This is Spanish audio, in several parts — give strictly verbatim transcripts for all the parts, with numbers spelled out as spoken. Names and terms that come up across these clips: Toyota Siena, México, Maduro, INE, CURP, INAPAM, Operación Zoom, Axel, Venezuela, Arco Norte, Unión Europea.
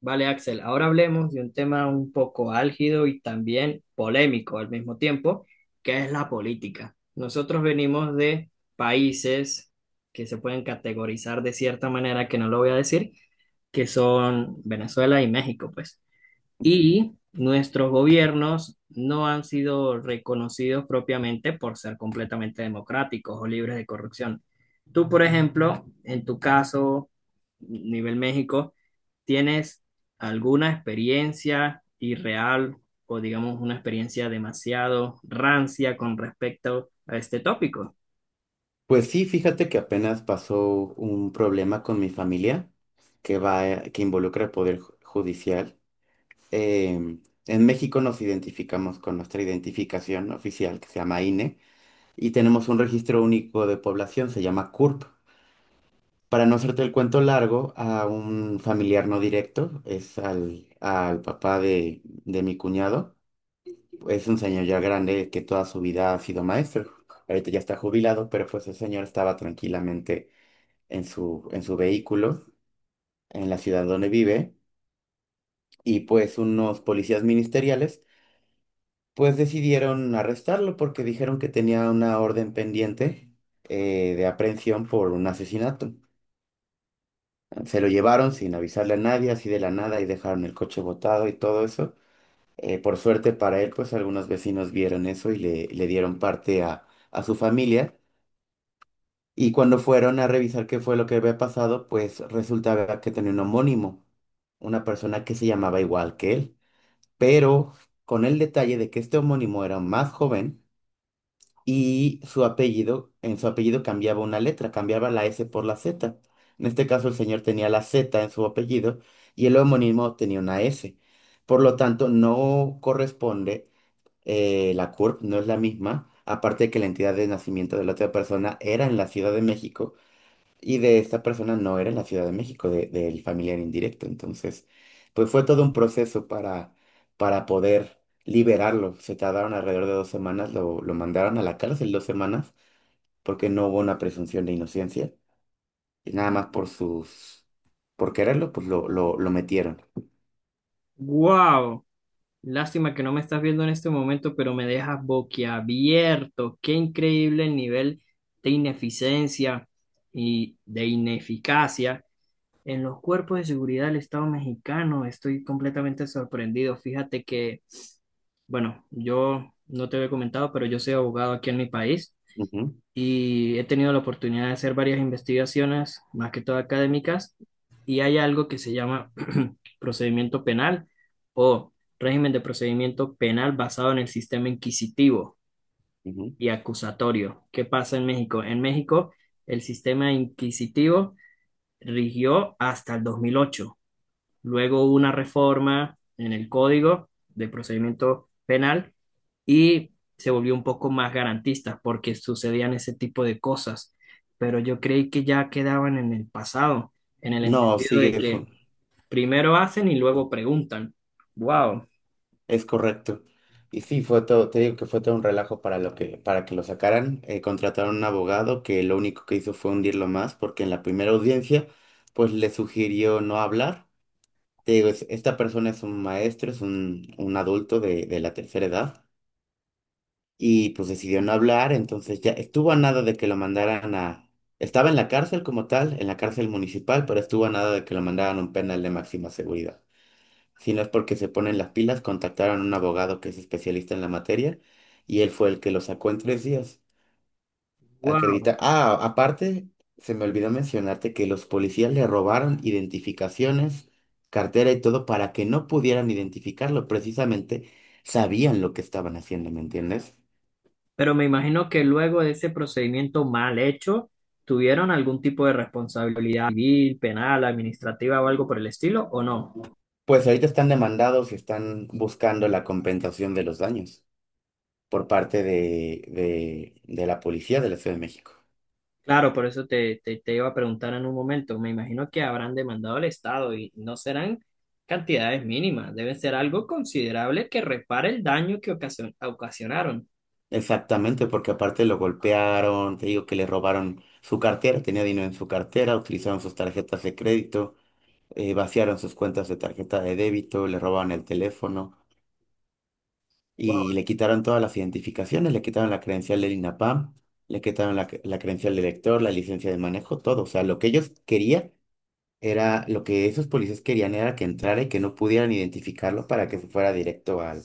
Vale, Axel, ahora hablemos de un tema un poco álgido y también polémico al mismo tiempo, que es la política. Nosotros venimos de países que se pueden categorizar de cierta manera, que no lo voy a decir, que son Venezuela y México, pues y nuestros gobiernos no han sido reconocidos propiamente por ser completamente democráticos o libres de corrupción. Tú, por ejemplo, en tu caso, nivel México, ¿tienes alguna experiencia irreal o digamos una experiencia demasiado rancia con respecto a este tópico? Pues sí, fíjate que apenas pasó un problema con mi familia que va, eh, que involucra el Poder Ju- Judicial. Em, en México nos identificamos con nuestra identificación oficial que se llama I N E y tenemos un registro único de población, se llama C U R P. Para no hacerte el cuento largo, a un familiar no directo, es al, al papá de, de mi cuñado, es un señor ya grande que toda su vida ha sido maestro. Ahorita ya está jubilado, pero pues el señor estaba tranquilamente en su, en su vehículo en la ciudad donde vive y pues unos policías ministeriales pues decidieron arrestarlo porque dijeron que tenía una orden pendiente eh, de aprehensión por un asesinato. Se lo llevaron sin avisarle a nadie, así de la nada, y dejaron el coche botado y todo eso. Eh, por suerte para él, pues algunos vecinos vieron eso y le, le dieron parte a, a su familia. Y cuando fueron a revisar qué fue lo que había pasado, pues resultaba que tenía un homónimo, una persona que se llamaba igual que él, pero con el detalle de que este homónimo era más joven y su apellido, en su apellido cambiaba una letra, cambiaba la S por la Z. En este caso el señor tenía la Z en su apellido y el homónimo tenía una S. Por lo tanto, no corresponde eh, la C U R P, no es la misma, aparte de que la entidad de nacimiento de la otra persona era en la Ciudad de México y de esta persona no era en la Ciudad de México, de- del familiar indirecto. Entonces, pues fue todo un proceso para, para poder liberarlo. Se tardaron alrededor de dos semanas, lo, lo mandaron a la cárcel dos semanas porque no hubo una presunción de inocencia. Y nada más por sus, por quererlo, pues lo, lo, lo metieron. ¡Wow! Lástima que no me estás viendo en este momento, pero me dejas boquiabierto. Qué increíble el nivel de ineficiencia y de ineficacia en los cuerpos de seguridad del Estado mexicano. Estoy completamente sorprendido. Fíjate que, bueno, yo no te había comentado, pero yo soy abogado aquí en mi país Ujú, y he tenido la oportunidad de hacer varias investigaciones, más que todo académicas, y hay algo que se llama procedimiento penal o régimen de procedimiento penal basado en el sistema inquisitivo ujú. y acusatorio. ¿Qué pasa en México? En México, el sistema inquisitivo rigió hasta el dos mil ocho. Luego hubo una reforma en el Código de Procedimiento Penal y se volvió un poco más garantista porque sucedían ese tipo de cosas, pero yo creí que ya quedaban en el pasado, en el No, entendido de sigue. fu- que primero hacen y luego preguntan. Wow, Es correcto. Y sí, fue todo, te digo que fue todo un relajo para lo que, para que lo sacaran. Eh, contrataron un abogado que lo único que hizo fue hundirlo más, porque en la primera audiencia, pues le sugirió no hablar. Te digo, es- esta persona es un maestro, es un, un adulto de, de la tercera edad, y pues decidió no hablar, entonces ya estuvo a nada de que lo mandaran a… Estaba en la cárcel como tal, en la cárcel municipal, pero estuvo a nada de que lo mandaran a un penal de máxima seguridad. Si no es porque se ponen las pilas, contactaron a un abogado que es especialista en la materia y él fue el que lo sacó en tres días. wow. Acredita. Ah, aparte, se me olvidó mencionarte que los policías le robaron identificaciones, cartera y todo para que no pudieran identificarlo. Precisamente sabían lo que estaban haciendo, ¿me entiendes? Pero me imagino que luego de ese procedimiento mal hecho, ¿tuvieron algún tipo de responsabilidad civil, penal, administrativa o algo por el estilo o no? Pues ahorita están demandados y están buscando la compensación de los daños por parte de, de, de la policía de la Ciudad de México. Claro, por eso te, te, te iba a preguntar en un momento. Me imagino que habrán demandado al Estado y no serán cantidades mínimas, deben ser algo considerable que repare el daño que ocasio- ocasionaron. Exactamente, porque aparte lo golpearon, te digo que le robaron su cartera, tenía dinero en su cartera, utilizaron sus tarjetas de crédito, eh, vaciaron sus cuentas de tarjeta de débito, le robaron el teléfono Wow, y le quitaron todas las identificaciones, le quitaron la credencial del I N A P A M, le quitaron la, cre- la credencial del lector, la licencia de manejo, todo. O sea, lo que ellos querían era, lo que esos policías querían era que entrara y que no pudieran identificarlo para que se fuera directo al,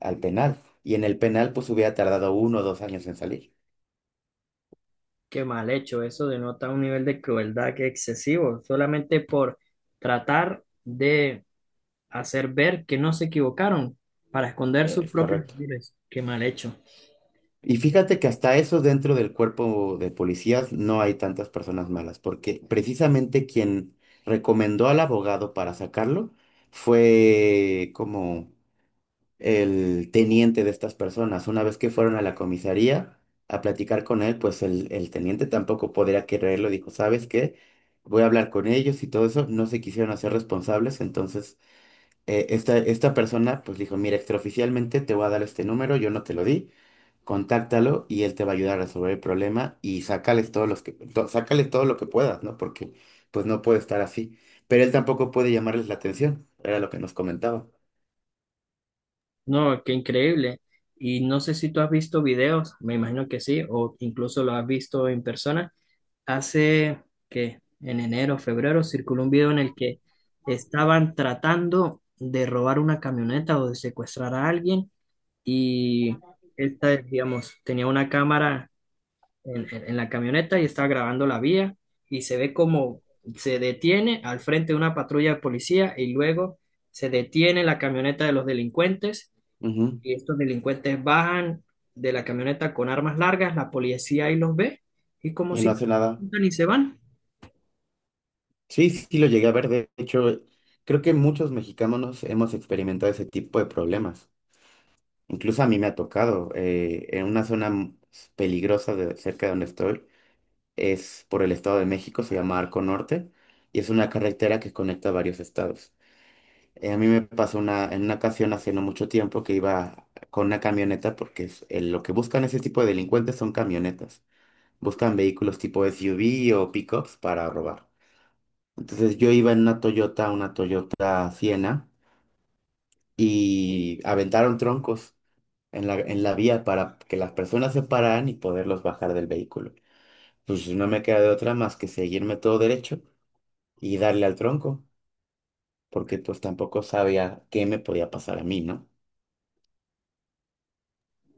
al penal. Y en el penal pues hubiera tardado uno o dos años en salir. qué mal hecho. Eso denota un nivel de crueldad que excesivo, solamente por tratar de hacer ver que no se equivocaron para esconder sus Es propios correcto. errores. Qué mal hecho. Y fíjate que hasta eso dentro del cuerpo de policías no hay tantas personas malas, porque precisamente quien recomendó al abogado para sacarlo fue como el teniente de estas personas. Una vez que fueron a la comisaría a platicar con él, pues el, el teniente tampoco podría quererlo. Dijo, ¿sabes qué? Voy a hablar con ellos y todo eso. No se quisieron hacer responsables, entonces eh, esta, esta persona pues dijo, mira, extraoficialmente te voy a dar este número, yo no te lo di, contáctalo y él te va a ayudar a resolver el problema y sácales todos los que, to- sácale todo lo que puedas, ¿no? Porque pues no puede estar así. Pero él tampoco puede llamarles la atención, era lo que nos comentaba. No, qué increíble. Y no sé si tú has visto videos, me imagino que sí, o incluso lo has visto en persona hace que en enero, febrero, circuló un video en el que estaban tratando de robar una camioneta o de secuestrar a alguien y esta, digamos, tenía una cámara en, en- en la camioneta y estaba grabando la vía y se ve como se detiene al frente de una patrulla de policía y luego se detiene la camioneta de los delincuentes Ujú. y estos delincuentes bajan de la camioneta con armas largas, la policía ahí los ve y como Y si no no se hace nada. preguntan y se van. Sí, sí, sí lo llegué a ver. De hecho, creo que muchos mexicanos hemos experimentado ese tipo de problemas. Incluso a mí me ha tocado eh, en una zona m- peligrosa de cerca de donde estoy. Es por el Estado de México, se llama Arco Norte, y es una carretera que conecta varios estados. Eh, a mí me pasó una, en una ocasión hace no mucho tiempo que iba con una camioneta, porque es- eh, lo que buscan ese tipo de delincuentes son camionetas. Buscan vehículos tipo S U V o pickups para robar. Entonces yo iba en una Toyota, una Toyota Siena, y aventaron troncos en la, en la vía para que las personas se pararan y poderlos bajar del vehículo. Pues no me queda de otra más que seguirme todo derecho y darle al tronco, porque pues tampoco sabía qué me podía pasar a mí, ¿no?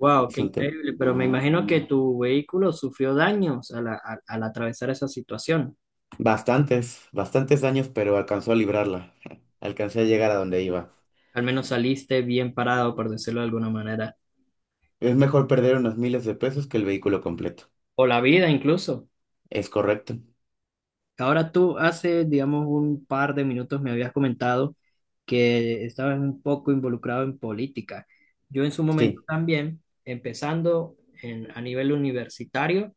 Wow, Es qué un tema. increíble, pero me imagino que tu vehículo sufrió daños al, a- al atravesar esa situación. Bastantes, bastantes daños, pero alcanzó a librarla. Alcancé a llegar a donde iba. Al menos saliste bien parado, por decirlo de alguna manera, Es mejor perder unos miles de pesos que el vehículo completo. o la vida incluso. Es correcto. Ahora tú hace, digamos, un par de minutos me habías comentado que estabas un poco involucrado en política. Yo en su momento Sí. también, empezando en, a nivel universitario,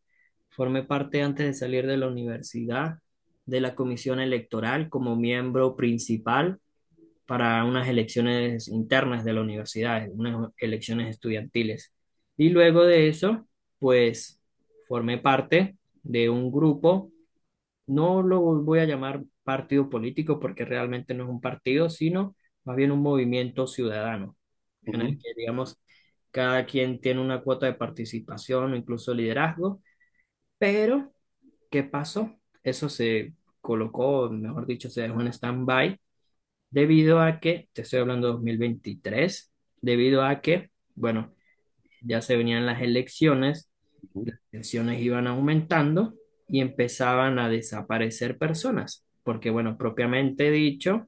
formé parte antes de salir de la universidad de la comisión electoral como miembro principal para unas elecciones internas de la universidad, unas elecciones estudiantiles. Y luego de eso, pues formé parte de un grupo, no lo voy a llamar partido político porque realmente no es un partido, sino más bien un movimiento ciudadano, en el Ujú, que, digamos, cada quien tiene una cuota de participación o incluso liderazgo, pero ¿qué pasó? Eso se colocó, mejor dicho, se dejó en stand-by debido a que, te estoy hablando de dos mil veintitrés, debido a que, bueno, ya se venían las elecciones, ujú. las tensiones iban aumentando y empezaban a desaparecer personas, porque, bueno, propiamente dicho,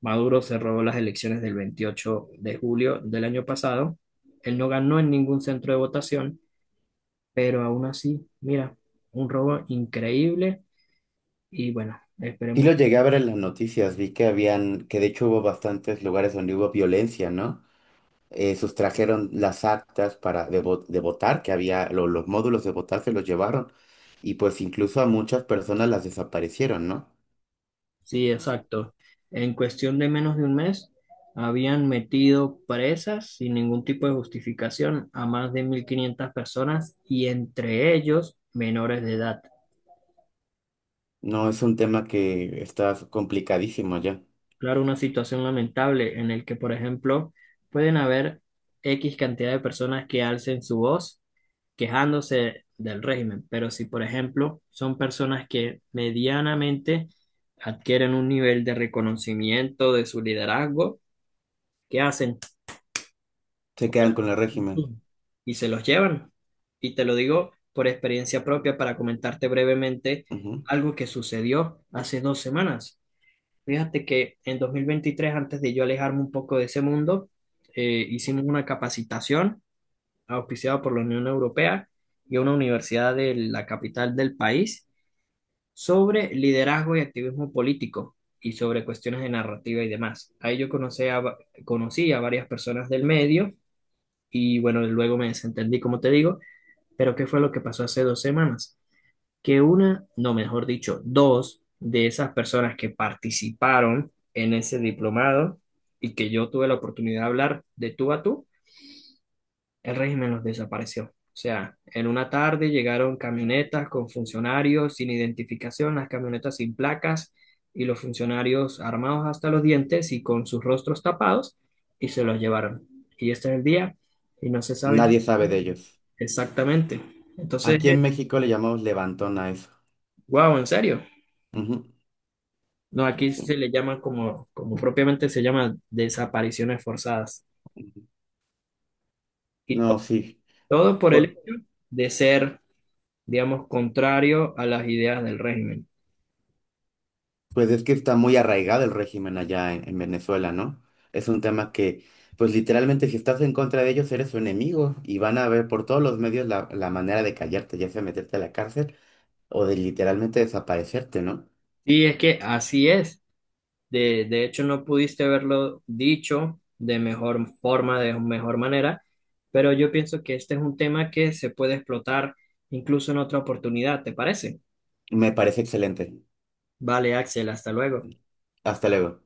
Maduro se robó las elecciones del veintiocho de julio del año pasado, él no ganó en ningún centro de votación, pero aún así, mira, un robo increíble y bueno, Sí lo esperemos. llegué a ver en las noticias, vi que habían, que de hecho hubo bastantes lugares donde hubo violencia, ¿no? eh, sustrajeron las actas para de, vo- de votar, que había lo- los módulos de votar se los llevaron y pues incluso a muchas personas las desaparecieron, ¿no? Sí, exacto. En cuestión de menos de un mes, habían metido presas sin ningún tipo de justificación a más de mil quinientas personas y entre ellos menores de edad. No es un tema que está complicadísimo ya. Claro, una situación lamentable en el que, por ejemplo, pueden haber X cantidad de personas que alcen su voz quejándose del régimen, pero si, por ejemplo, son personas que medianamente adquieren un nivel de reconocimiento de su liderazgo, ¿qué hacen? Se quedan con el Operación régimen. Zoom. Y se los llevan. Y te lo digo por experiencia propia para comentarte brevemente Ujú. algo que sucedió hace dos semanas. Fíjate que en dos mil veintitrés, antes de yo alejarme un poco de ese mundo, eh, hicimos una capacitación auspiciada por la Unión Europea y una universidad de la capital del país sobre liderazgo y activismo político y sobre cuestiones de narrativa y demás. Ahí yo conocí a, va- conocí a varias personas del medio y bueno, luego me desentendí, como te digo, pero ¿qué fue lo que pasó hace dos semanas? Que una, no, mejor dicho, dos de esas personas que participaron en ese diplomado y que yo tuve la oportunidad de hablar de tú a tú, el régimen los desapareció. O sea, en una tarde llegaron camionetas con funcionarios sin identificación, las camionetas sin placas y los funcionarios armados hasta los dientes y con sus rostros tapados y se los llevaron. Y este es el día y no se sabe Nadie sabe de ellos. exactamente. Entonces, Aquí en México le llamamos levantón a eso. wow, en serio. Ujú. No, aquí se Sí. le llama como, como propiamente se llama desapariciones forzadas. Ujú. Y No, to- sí. todo por el O- hecho de ser, digamos, contrario a las ideas del régimen. Pues es que está muy arraigado el régimen allá en, en Venezuela, ¿no? Es un tema que, pues literalmente si estás en contra de ellos eres su enemigo y van a ver por todos los medios la, la manera de callarte, ya sea meterte a la cárcel o de literalmente desaparecerte, ¿no? Sí, es que así es. De, de hecho, no pudiste haberlo dicho de mejor forma, de mejor manera, pero yo pienso que este es un tema que se puede explotar incluso en otra oportunidad, ¿te parece? Me parece excelente. Vale, Axel, hasta luego. Hasta luego.